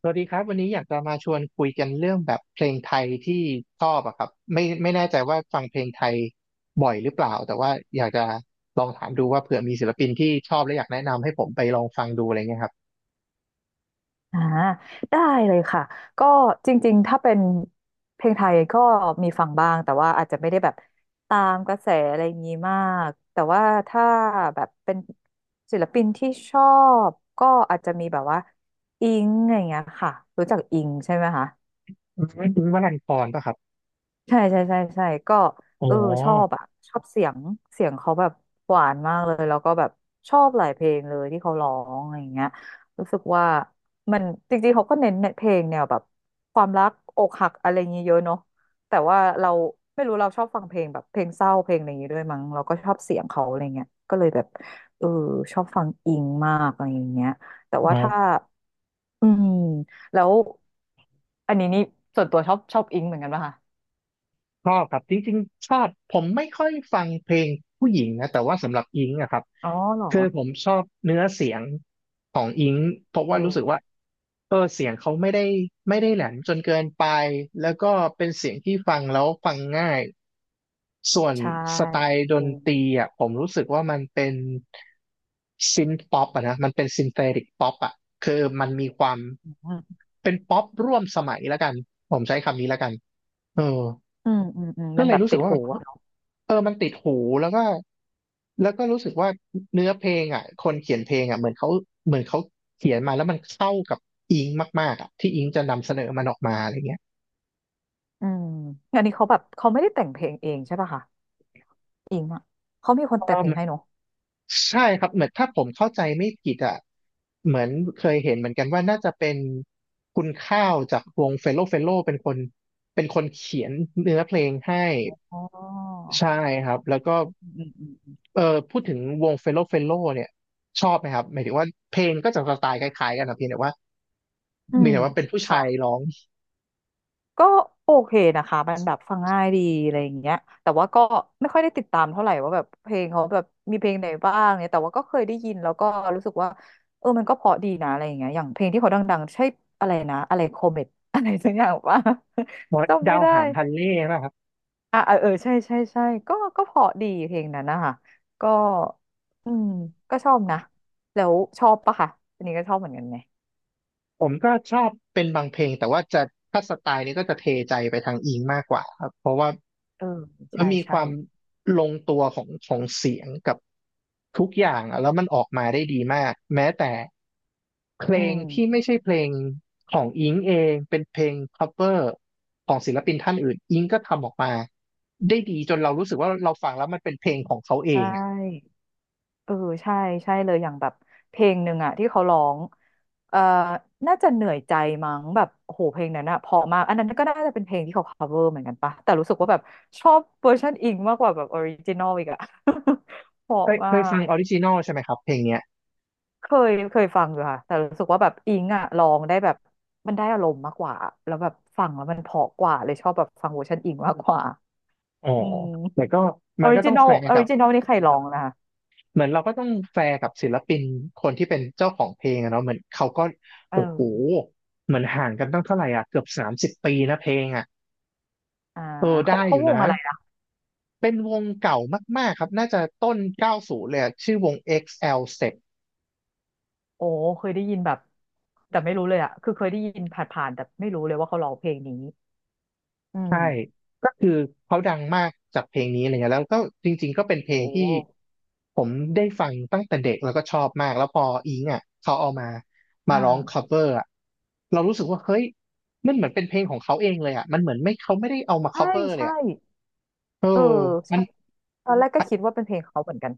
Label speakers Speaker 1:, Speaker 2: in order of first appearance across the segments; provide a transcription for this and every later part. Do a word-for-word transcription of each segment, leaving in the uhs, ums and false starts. Speaker 1: สวัสดีครับวันนี้อยากจะมาชวนคุยกันเรื่องแบบเพลงไทยที่ชอบอะครับไม่ไม่แน่ใจว่าฟังเพลงไทยบ่อยหรือเปล่าแต่ว่าอยากจะลองถามดูว่าเผื่อมีศิลปินที่ชอบและอยากแนะนำให้ผมไปลองฟังดูอะไรเงี้ยครับ
Speaker 2: อ่าได้เลยค่ะก็จริงๆถ้าเป็นเพลงไทยก็มีฟังบ้างแต่ว่าอาจจะไม่ได้แบบตามกระแสอะไรอย่างนี้มากแต่ว่าถ้าแบบเป็นศิลปินที่ชอบก็อาจจะมีแบบว่าอิงอะไรอย่างเงี้ยค่ะรู้จักอิงใช่ไหมคะ
Speaker 1: อืมคุณวรันธรป่ะครับ
Speaker 2: ใช่ใช่ใช่ใช่ก็
Speaker 1: อ๋อ
Speaker 2: เออชอบอะชอบเสียงเสียงเขาแบบหวานมากเลยแล้วก็แบบชอบหลายเพลงเลยที่เขาร้องอะไรอย่างเงี้ยรู้สึกว่ามันจริงๆเขาก็เน้นเพลงแนวแบบความรักอกหักอะไรอย่างเงี้ยเยอะเนาะแต่ว่าเราไม่รู้เราชอบฟังเพลงแบบเพลงเศร้าเพลงอะไรอย่างงี้ด้วยมั้งเราก็ชอบเสียงเขาอะไรเงี้ยก็เลยแบบเออชอบฟังอิงมากอะไรอย่างเงี้ยแต่
Speaker 1: อ๋
Speaker 2: ว่า
Speaker 1: อ
Speaker 2: ถ้าอืมแล้วอันนี้นี่ส่วนตัวชอบชอบอิงเหมือนกันป่ะคะ
Speaker 1: ชอบครับจริงๆชอบผมไม่ค่อยฟังเพลงผู้หญิงนะแต่ว่าสำหรับอิงอะครับ
Speaker 2: อ๋อเหรอ
Speaker 1: คือผมชอบเนื้อเสียงของอิงเพราะ
Speaker 2: เอ
Speaker 1: ว่ารู้สึก
Speaker 2: อ
Speaker 1: ว่าเออเสียงเขาไม่ได้ไม่ได้แหลมจนเกินไปแล้วก็เป็นเสียงที่ฟังแล้วฟังง่ายส่วน
Speaker 2: ใช่
Speaker 1: สไตล์ด
Speaker 2: จ
Speaker 1: น
Speaker 2: ริง
Speaker 1: ตรีอ่ะผมรู้สึกว่ามันเป็นซินป๊อปอะนะมันเป็นซินเทติกป๊อปอะคือมันมีความ
Speaker 2: อืม
Speaker 1: เป็นป๊อปร่วมสมัยแล้วกันผมใช้คำนี้แล้วกันเออ
Speaker 2: อืมอืม
Speaker 1: ก็
Speaker 2: มัน
Speaker 1: เล
Speaker 2: แบ
Speaker 1: ย
Speaker 2: บ
Speaker 1: รู้สึ
Speaker 2: ติ
Speaker 1: ก
Speaker 2: ด
Speaker 1: ว่า
Speaker 2: หู
Speaker 1: แบบ
Speaker 2: อะเนอะ
Speaker 1: เออมันติดหูแล้วก็แล้วก็รู้สึกว่าเนื้อเพลงอ่ะคนเขียนเพลงอ่ะเหมือนเขาเหมือนเขาเขียนมาแล้วมันเข้ากับอิงมากๆอ่ะที่อิงจะนำเสนอมันออกมาอะไรเงี้ย
Speaker 2: อืมอันนี้เขาแบบเขาไม่ได้แต่งเพลงเองใช่ป่ะคะอิงอะเขามีคนแต่งเพลงให้เนอะ
Speaker 1: ใช่ครับเหมือนถ้าผมเข้าใจไม่ผิดอ่ะเหมือนเคยเห็นเหมือนกันว่าน่าจะเป็นคุณข้าวจากวงเฟลโลเฟลโลเป็นคนเป็นคนเขียนเนื้อเพลงให้
Speaker 2: อ๋อ
Speaker 1: ใช่ครับแล้วก็
Speaker 2: อืมอืมอืม
Speaker 1: เออพูดถึงวงเฟลโลเฟลโลเนี่ยชอบไหมครับหมายถึงว่าเพลงก็จะสไตล์คล้ายๆกันนะเพียงแต่ว่า
Speaker 2: อื
Speaker 1: มี
Speaker 2: ม
Speaker 1: แต่ว่าเป็นผู้
Speaker 2: ค่ะ
Speaker 1: ชายร้อง
Speaker 2: ก็โอเคนะคะมันแบบฟังง่ายดีอะไรอย่างเงี้ยแต่ว่าก็ไม่ค่อยได้ติดตามเท่าไหร่ว่าแบบเพลงเขาแบบมีเพลงไหนบ้างเนี่ยแต่ว่าก็เคยได้ยินแล้วก็รู้สึกว่าเออมันก็เพราะดีนะอะไรอย่างเงี้ยอย่างเพลงที่เขาดังๆใช่อะไรนะอะไรโคเมตอะไรสักอย่างว่า จำ
Speaker 1: ดา
Speaker 2: ไม่
Speaker 1: ว
Speaker 2: ได้
Speaker 1: หางฮันเล่นะ
Speaker 2: อ่ะเออเออใช่ใช่ใช่ก็ก็เพราะดีเพลงนั้นนะคะก็อืมก็ชอบนะแล้วชอบปะคะอันนี้ก็ชอบเหมือนกันไหม
Speaker 1: ผมก็ชอบเป็นบางเพลงแต่ว่าจะถ้าสไตล์นี้ก็จะเทใจไปทางอิงมากกว่าครับเพราะว่า
Speaker 2: เออใช่
Speaker 1: มีค
Speaker 2: ใช่
Speaker 1: วามลงตัวของของเสียงกับทุกอย่างอะแล้วมันออกมาได้ดีมากแม้แต่เพล
Speaker 2: อื
Speaker 1: งที่
Speaker 2: ม
Speaker 1: ไม่ใช่เพลงของอิงเองเป็นเพลง cover ของศิลปินท่านอื่นอิงก็ทำออกมาได้ดีจนเรารู้สึกว่าเราฟังแล้วมันเป็นเพลงของเขาเอ
Speaker 2: ใช
Speaker 1: งอะ
Speaker 2: ่เออใช่ใช่เลยอย่างแบบเพลงหนึ่งอะที่เขาร้องเอ่อน่าจะเหนื่อยใจมั้งแบบโอ้โหเพลงนั้นอะเพราะมากอันนั้นก็น่าจะเป็นเพลงที่เขา cover เหมือนกันปะแต่รู้สึกว่าแบบชอบเวอร์ชันอิงมากกว่าแบบออริจินอลอีกอะ เพราะ
Speaker 1: เคย
Speaker 2: มา
Speaker 1: เคยฟัง
Speaker 2: ก
Speaker 1: ออริจินอลใช่ไหมครับเพลงเนี้ย
Speaker 2: เคยเคยฟังอยู่ค่ะแต่รู้สึกว่าแบบอิงอะร้องได้แบบมันได้อารมณ์มากกว่าแล้วแบบฟังแล้วมันเพราะกว่าเลยชอบแบบฟังเวอร์ชันอิงมากกว่า
Speaker 1: อ๋อ
Speaker 2: อืม
Speaker 1: แต่ก็
Speaker 2: อ
Speaker 1: มั
Speaker 2: อ
Speaker 1: น
Speaker 2: ริ
Speaker 1: ก็ต้
Speaker 2: จิ
Speaker 1: อง
Speaker 2: นอ
Speaker 1: แฝ
Speaker 2: ล
Speaker 1: ง
Speaker 2: ออ
Speaker 1: กั
Speaker 2: ริ
Speaker 1: บ
Speaker 2: จินอลนี่ใครร้องนะคะ
Speaker 1: เหมือนเราก็ต้องแฟร์กับศิลปินคนที่เป็นเจ้าของเพลงอะเนาะเหมือนเขาก็
Speaker 2: เอ
Speaker 1: โอ้โห
Speaker 2: อ
Speaker 1: เหมือนห่างกันตั้งเท่าไหร่อ่ะเกือบสามสิบปีนะเพลงอ่ะ
Speaker 2: อ่า
Speaker 1: เออได้
Speaker 2: เขา
Speaker 1: อ
Speaker 2: เขา
Speaker 1: ยู่
Speaker 2: ว
Speaker 1: นะ
Speaker 2: งอะไรนะ
Speaker 1: เป็นวงเก่ามากๆครับน่าจะต้นเก้าสูบเลยอะชื่อวง เอ็กซ์ แอล Step
Speaker 2: โอ้เคยได้ยินแบบแต่ไม่รู้เลยอะคือเคยได้ยินผ่านๆแต่ไม่รู้เลยว่าเขาร้องเพลงนี้อืม
Speaker 1: ใช่ ก็คือเขาดังมากจากเพลงนี้อะไรเงี้ยแล้วก็จริงๆก็เป็นเพลง
Speaker 2: โอ้
Speaker 1: ที่ผมได้ฟังตั้งแต่เด็กแล้วก็ชอบมากแล้วพออิงอ่ะเขาเอามา
Speaker 2: อ่
Speaker 1: มาร้อง
Speaker 2: า
Speaker 1: cover อ่ะเรารู้สึกว่าเฮ้ยมันเหมือนเป็นเพลงของเขาเองเลยอ่ะมันเหมือนไม่เขาไม่ได้เอามา
Speaker 2: ใช่
Speaker 1: cover เลย
Speaker 2: ใช่
Speaker 1: อ่ะเออ
Speaker 2: เออ
Speaker 1: มัน
Speaker 2: ใช่ตอนแรกก็คิดว่าเป็นเพลงเขาเหมือนกัน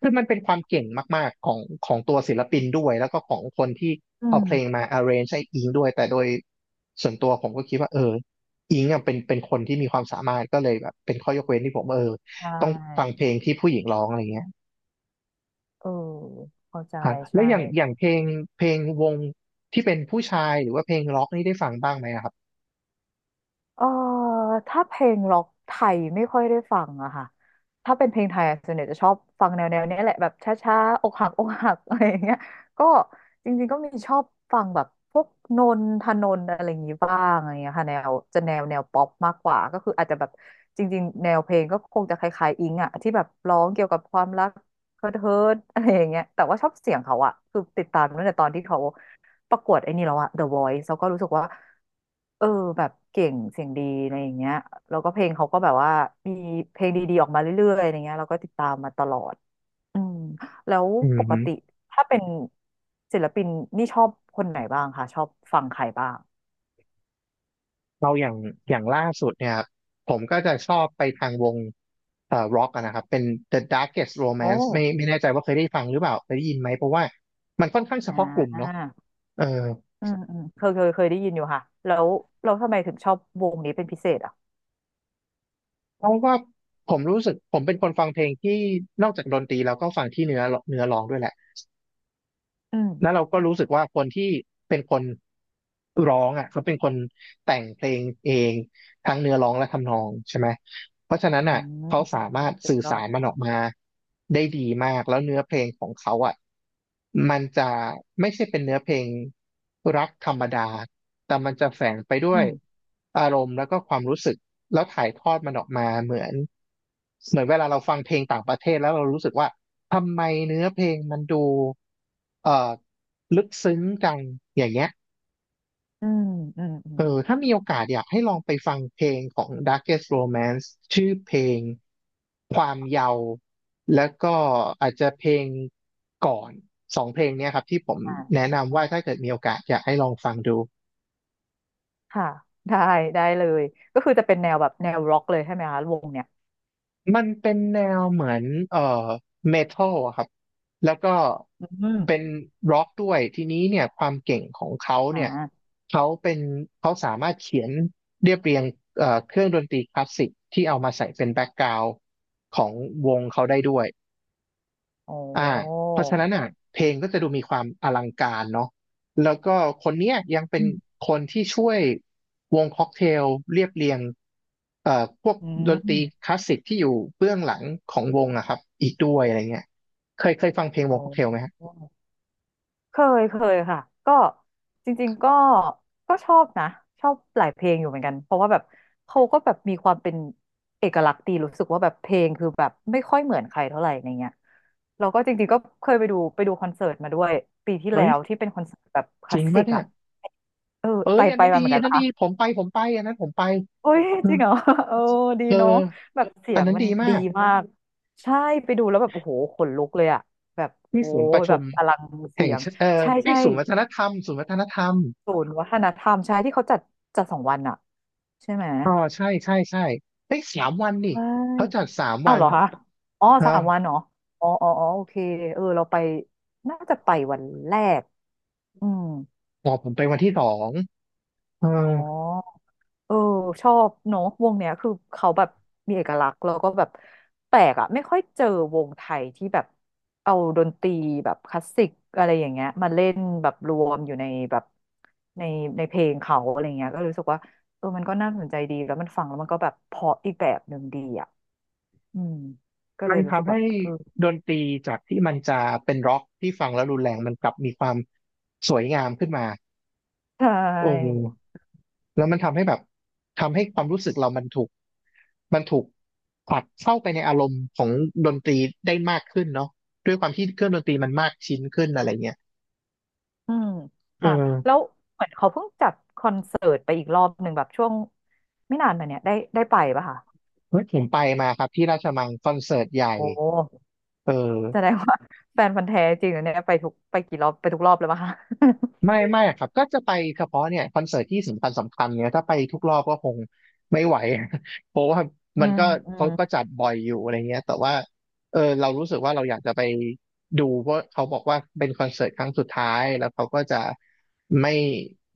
Speaker 1: คือมันเป็นความเก่งมากๆของของตัวศิลปินด้วยแล้วก็ของคนที่
Speaker 2: อื
Speaker 1: เอาเพลง
Speaker 2: ม
Speaker 1: มา arrange ให้อิงด้วยแต่โดยส่วนตัวผมก็คิดว่าเอออิงอ่ะเป็นเป็นคนที่มีความสามารถก็เลยแบบเป็นข้อยกเว้นที่ผมเออ
Speaker 2: ใช
Speaker 1: ต้องฟัง
Speaker 2: ่
Speaker 1: เพลงที่ผู้หญิงร้องอะไรเงี้ย
Speaker 2: เออเข้าใจ
Speaker 1: ฮะแล้
Speaker 2: ใช่
Speaker 1: วอย่างอย่างเพลงเพลงวงที่เป็นผู้ชายหรือว่าเพลงร็อกนี่ได้ฟังบ้างไหมอะครับ
Speaker 2: เอ่อถ้าเพลงร็อกไทยไม่ค่อยได้ฟังอะค่ะถ้าเป็นเพลงไทยอะส่วนใหญ่จะชอบฟังแนวแนวเนี้ยแหละแบบช้าๆอกหัก อกหักอะไรอย่างเงี้ยก็จริงๆก็มีชอบฟังแบบพวกนนทนนท์อะไรอย่างงี้บ้างอะไรเงี้ยค่ะแนวจะแนวแนวป๊อปมากกว่าก็คืออาจจะแบบจริงๆแนวเพลงก็คงจะคล้ายๆอิงอะที่แบบร้องเกี่ยวกับความรักเฮิร์ทเฮิร์ทอะไรอย่างเงี้ยแต่ว่าชอบเสียงเขาอะคือติดตามตั้งแต่ตอนที่เขา ประกวดไอ้นี่แล้วอะ The Voice แล้วก็รู้สึกว่าเออแบบเก่งเสียงดีอะไรอย่างเงี้ยแล้วก็เพลงเขาก็แบบว่ามีเพลงดีๆออกมาเรื่อยๆอะไรเงี้ยเราก็ติดตามมาตลอดอืมแล้ว
Speaker 1: อื
Speaker 2: ป
Speaker 1: ม
Speaker 2: กติถ้าเป็นศิลปินนี่ชอบคนไหนบ้างคะชอบฟังใครบ้าง
Speaker 1: เราอย่างอย่างล่าสุดเนี่ยครับผมก็จะชอบไปทางวงเอ่อร็อกนะครับเป็น The Darkest
Speaker 2: โอ้
Speaker 1: Romance ไม่ไม่แน่ใจว่าเคยได้ฟังหรือเปล่าเคยได้ยินไหมเพราะว่ามันค่อนข้างเฉ
Speaker 2: อ่
Speaker 1: พาะกลุ่มเนาะ
Speaker 2: า
Speaker 1: เออ
Speaker 2: อืมอืมเคยเคยเคยได้ยินอยู่ค่ะแล้วเราทำไมถึงชอบวงนี้เป็นพิเศษอ่ะ
Speaker 1: เพราะว่าผมรู้สึกผมเป็นคนฟังเพลงที่นอกจากดนตรีแล้วก็ฟังที่เนื้อเนื้อร้องด้วยแหละ
Speaker 2: อืม
Speaker 1: แล้วเราก็รู้สึกว่าคนที่เป็นคนร้องอ่ะเขาเป็นคนแต่งเพลงเองทั้งเนื้อร้องและทำนองใช่ไหมเพราะฉะนั้น
Speaker 2: อื
Speaker 1: อ่ะ
Speaker 2: ม
Speaker 1: เขาสามารถ
Speaker 2: สุด
Speaker 1: สื่อ
Speaker 2: ยอ
Speaker 1: สา
Speaker 2: ด
Speaker 1: รมันออกมาได้ดีมากแล้วเนื้อเพลงของเขาอ่ะมันจะไม่ใช่เป็นเนื้อเพลงรักธรรมดาแต่มันจะแฝงไปด้
Speaker 2: อื
Speaker 1: วย
Speaker 2: ม
Speaker 1: อารมณ์แล้วก็ความรู้สึกแล้วถ่ายทอดมันออกมาเหมือนเหมือนเวลาเราฟังเพลงต่างประเทศแล้วเรารู้สึกว่าทำไมเนื้อเพลงมันดูเอ่อ ลึกซึ้งกันอย่างเงี้ย
Speaker 2: อืมอืมอืม
Speaker 1: เออถ้ามีโอกาสอยากให้ลองไปฟังเพลงของ Darkest Romance ชื่อเพลงความเยาว์แล้วก็อาจจะเพลงก่อนสองเพลงเนี้ยครับที่ผม
Speaker 2: อ่
Speaker 1: แนะนำว่าถ้า
Speaker 2: า
Speaker 1: เกิดมีโอกาสอยากให้ลองฟังดู
Speaker 2: ค่ะได้ได้เลยก็คือจะเป็นแนวแบบแนวร็อกเลยใช่ไหมคะวงเนี่ย
Speaker 1: มันเป็นแนวเหมือนเอ่อเมทัลอะครับแล้วก็
Speaker 2: อืม
Speaker 1: เป็นร็อกด้วยทีนี้เนี่ยความเก่งของเขาเนี่ย
Speaker 2: อ่า
Speaker 1: เขาเป็นเขาสามารถเขียนเรียบเรียงเอ่อเครื่องดนตรีคลาสสิกที่เอามาใส่เป็นแบ็กกราวด์ของวงเขาได้ด้วย
Speaker 2: โอ้
Speaker 1: อ่าเพราะฉะนั้นอ่ะเพลงก็จะดูมีความอลังการเนาะแล้วก็คนเนี้ยยังเป็
Speaker 2: อื
Speaker 1: น
Speaker 2: ม
Speaker 1: คนที่ช่วยวงค็อกเทลเรียบเรียงเอ่อพวก
Speaker 2: อื
Speaker 1: ดนตรี
Speaker 2: ม
Speaker 1: คลาสสิกที่อยู่เบื้องหลังของวงอะครับอีกด้วยอะไรเงี้ยเคยเคยฟังเพลง
Speaker 2: โอ
Speaker 1: วงค็อกเทล
Speaker 2: ้
Speaker 1: ไหมฮะ
Speaker 2: เคยเคยค่ะก็จริงๆก็ก็ชอบนะชอบหลายเพลงอยู่เหมือนกันเพราะว่าแบบเขาก็แบบมีความเป็นเอกลักษณ์ดีรู้สึกว่าแบบเพลงคือแบบไม่ค่อยเหมือนใครเท่าไหร่ในเงี้ยเราก็จริงๆก็เคยไปดูไปดูคอนเสิร์ตมาด้วยปีที่
Speaker 1: เฮ้
Speaker 2: แล้
Speaker 1: ย
Speaker 2: วที่เป็นคอนเสิร์ตแบบค
Speaker 1: จ
Speaker 2: ลา
Speaker 1: ริ
Speaker 2: ส
Speaker 1: ง
Speaker 2: สิ
Speaker 1: ปะ
Speaker 2: ก
Speaker 1: เนี่ย
Speaker 2: อะเออ
Speaker 1: เอ้
Speaker 2: ไป
Speaker 1: ยอัน
Speaker 2: ไป
Speaker 1: นั้น
Speaker 2: มา
Speaker 1: ดี
Speaker 2: เหมือน
Speaker 1: อั
Speaker 2: กั
Speaker 1: น
Speaker 2: น
Speaker 1: นั้นดีผมไปผมไปอันนั้นผมไป
Speaker 2: โอ้ย
Speaker 1: เออ
Speaker 2: จริงเหรอ เออดี
Speaker 1: เออ
Speaker 2: เนาะแบบเสี
Speaker 1: อั
Speaker 2: ย
Speaker 1: น
Speaker 2: ง
Speaker 1: นั้น
Speaker 2: มัน
Speaker 1: ดีมา
Speaker 2: ดี
Speaker 1: ก
Speaker 2: มากใช่ไปดูแล้วแบบโอ้โหขนลุกเลยอะแบบ
Speaker 1: ที่
Speaker 2: โอ้
Speaker 1: ศูนย์ป
Speaker 2: ย
Speaker 1: ระ
Speaker 2: แบ
Speaker 1: ชุม
Speaker 2: บอลังเสี
Speaker 1: แห่ง
Speaker 2: ยง
Speaker 1: ชเอ่อ
Speaker 2: ใช่
Speaker 1: ที่
Speaker 2: ใช่
Speaker 1: ศูนย์วัฒนธรรมศูนย์วัฒนธรรม
Speaker 2: ศูนย์วัฒนธรรมใช่ที่เขาจัดจัดสองวันอะใช่ไหม
Speaker 1: อ๋อใช่ใช่ใช่เอ้ยสามวันนี่
Speaker 2: ใช
Speaker 1: เขาจั
Speaker 2: ่
Speaker 1: ดสาม
Speaker 2: อ้า
Speaker 1: วั
Speaker 2: วเห
Speaker 1: น
Speaker 2: รอคะอ๋อ
Speaker 1: เอ้า
Speaker 2: สามวันเหรออ๋ออ๋ออ๋อโอเคเออเราไปน่าจะไปวันแรกอืม
Speaker 1: อ๋อผมไปวันที่สองเออ
Speaker 2: อ๋อ เออชอบเนาะวงเนี้ยคือเขาแบบมีเอกลักษณ์แล้วก็แบบแปลกอะไม่ค่อยเจอวงไทยที่แบบเอาดนตรีแบบคลาสสิกอะไรอย่างเงี้ยมาเล่นแบบรวมอยู่ในแบบในในเพลงเขาอะไรเงี้ยก็รู้สึกว่าเออมันก็น่าสนใจดีแล้วมันฟังแล้วมันก็แบบเพราะอีกแบบหนึ่งดีอ่ะอืมก็เล
Speaker 1: มั
Speaker 2: ย
Speaker 1: น
Speaker 2: รู้สึก
Speaker 1: ทำ
Speaker 2: แบ
Speaker 1: ให้
Speaker 2: บเออ
Speaker 1: ดนตรีจากที่มันจะเป็นร็อกที่ฟังแล้วรุนแรงมันกลับมีความสวยงามขึ้นมา
Speaker 2: ใช
Speaker 1: โอ
Speaker 2: ่
Speaker 1: ้แล้วมันทำให้แบบทำให้ความรู้สึกเรามันถูกมันถูกผลักเข้าไปในอารมณ์ของดนตรีได้มากขึ้นเนาะด้วยความที่เครื่องดนตรีมันมากชิ้นขึ้นอะไรเงี้ย
Speaker 2: อืม
Speaker 1: เอ
Speaker 2: ค่ะแล้ว
Speaker 1: อ
Speaker 2: เหมือนเขาเพิ่งจัดคอนเสิร์ตไปอีกรอบหนึ่งแบบช่วงไม่นานมาเนี้ยได้ได้ไปปะคะ
Speaker 1: เฮ้ยผมไปมาครับที่ราชมังคอนเสิร์ตใหญ่
Speaker 2: โอ้
Speaker 1: เออ
Speaker 2: แสดงว่า แฟนพันธุ์แท้จริงเหรอเนี่ยไปทุกไปกี่รอบไปทุกรอบเลยปะคะ
Speaker 1: ไม่ ไม่ครับก็จะไปเฉพาะเนี่ยคอนเสิร์ตที่สำคัญสำคัญเนี่ยถ้าไปทุกรอบก็คงไม่ไหว เพราะว่า
Speaker 2: อื
Speaker 1: มัน
Speaker 2: ม
Speaker 1: ก็
Speaker 2: อื
Speaker 1: เขา
Speaker 2: ม
Speaker 1: ก็จัดบ่อยอยู่อะไรเงี้ยแต่ว่าเออเรารู้สึกว่าเราอยากจะไปดูเพราะเขาบอกว่าเป็นคอนเสิร์ตครั้งสุดท้ายแล้วเขาก็จะไม่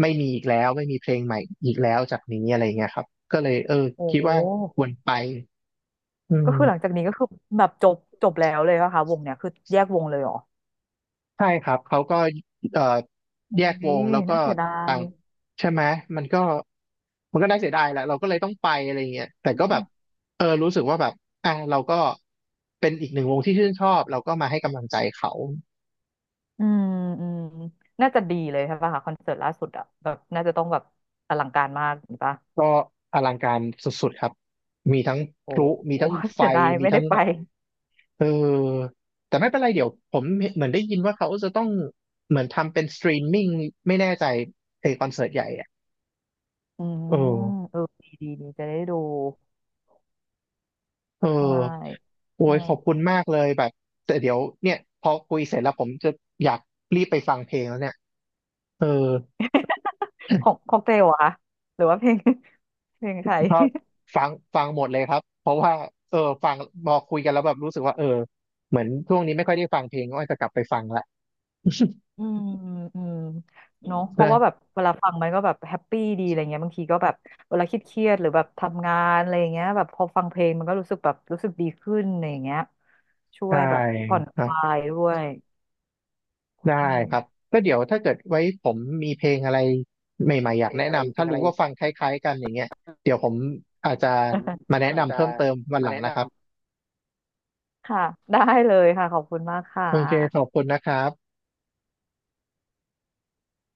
Speaker 1: ไม่มีอีกแล้วไม่มีเพลงใหม่อีกแล้วจากนี้อะไรเงี้ยครับก็เลยเออ
Speaker 2: โอ
Speaker 1: คิดว่า
Speaker 2: ้
Speaker 1: ควรไปอื
Speaker 2: ก็
Speaker 1: ม
Speaker 2: คือหลังจากนี้ก็คือแบบจบจบแล้วเลยป่ะคะวงเนี่ยคือแยกวงเลยเหรอ
Speaker 1: ใช่ครับเขาก็เอ่อ
Speaker 2: โอ้
Speaker 1: แยกว
Speaker 2: ย
Speaker 1: งแล้วก็
Speaker 2: น่าเสียดา
Speaker 1: ต่า
Speaker 2: ย
Speaker 1: งใช่ไหมมันก็มันก็น่าเสียดายแหละเราก็เลยต้องไปอะไรเงี้ยแต่ก็แบบเออรู้สึกว่าแบบอ่ะเราก็เป็นอีกหนึ่งวงที่ชื่นชอบเราก็มาให้กำลังใจเขา
Speaker 2: อืมอืมน่าจะดีเลยใช่ป่ะคะคอนเสิร์ตล่าสุดอะแบบน่าจะต้องแบบอลังการมากหช่อปะ
Speaker 1: ก็อลังการสุดๆครับมีทั้งพ
Speaker 2: โอ้
Speaker 1: ลุมี
Speaker 2: โห
Speaker 1: ทั้ง ไฟ
Speaker 2: เสียดาย
Speaker 1: มี
Speaker 2: ไม่ได้
Speaker 1: ทั้ง
Speaker 2: ไป
Speaker 1: เออแต่ไม่เป็นไรเดี๋ยวผมเหมือนได้ยินว่าเขาจะต้องเหมือนทำเป็นสตรีมมิ่งไม่แน่ใจไอคอนเสิร์ตใหญ่อ่ะ
Speaker 2: อืม
Speaker 1: เออ
Speaker 2: เออดีดีดีจะได้ดู
Speaker 1: เอ
Speaker 2: ใช่
Speaker 1: อโอ้
Speaker 2: ใช่
Speaker 1: ยขอบคุณมากเลยแบบแต่เดี๋ยวเนี่ยพอคุยเสร็จแล้วผมจะอยากรีบไปฟังเพลงแล้วเนี่ยเออ
Speaker 2: ของของเตลเหรอคะหรือว่าเพลง เพลงใคร
Speaker 1: เพราะฟังฟังหมดเลยครับเพราะว่าเออฟังพอคุยกันแล้วแบบรู้สึกว่าเออเหมือนช่วงนี้ไม่ค่อยได้ฟังเพลงก็จจะกลับไปฟังละ
Speaker 2: อืมอืม เนาะเพราะ
Speaker 1: นะ
Speaker 2: ว่าแบบเวลาฟังมันก็แบบแฮปปี้ดีอะไรเงี้ยบางทีก็แบบเวลาคิดเครียดๆหรือแบบทำงานอะไรอย่างเงี้ยแบบพอฟังเพลงมันก็รู้สึกแบบรู้สึกดีขึ้นอะไรอย่างเงี้ยช่ว
Speaker 1: ใช่
Speaker 2: ยแบบผ่อนค
Speaker 1: นะ
Speaker 2: ลายด้วยอื
Speaker 1: ได้ครับ
Speaker 2: ม
Speaker 1: ก็เดี๋ยวถ้าเกิดไว้ผมมีเพลงอะไรใหม่ๆอ
Speaker 2: เพ
Speaker 1: ยาก
Speaker 2: ลง
Speaker 1: แนะ
Speaker 2: อะไร
Speaker 1: นำ
Speaker 2: เพล
Speaker 1: ถ้า
Speaker 2: งอะ
Speaker 1: รู้
Speaker 2: ไร
Speaker 1: ว่าฟังคล้ายๆกันอย่างเงี้ยเดี๋ยวผมอาจจะมา แนะ
Speaker 2: อาจ
Speaker 1: นำ
Speaker 2: จะ
Speaker 1: เพิ่มเติมวันห
Speaker 2: มา
Speaker 1: ลัง
Speaker 2: แนะน
Speaker 1: นะครับ
Speaker 2: ำค่ะได้เลยค่ะขอบคุณมากค่ะ
Speaker 1: โอเค ขอบคุณนะครับ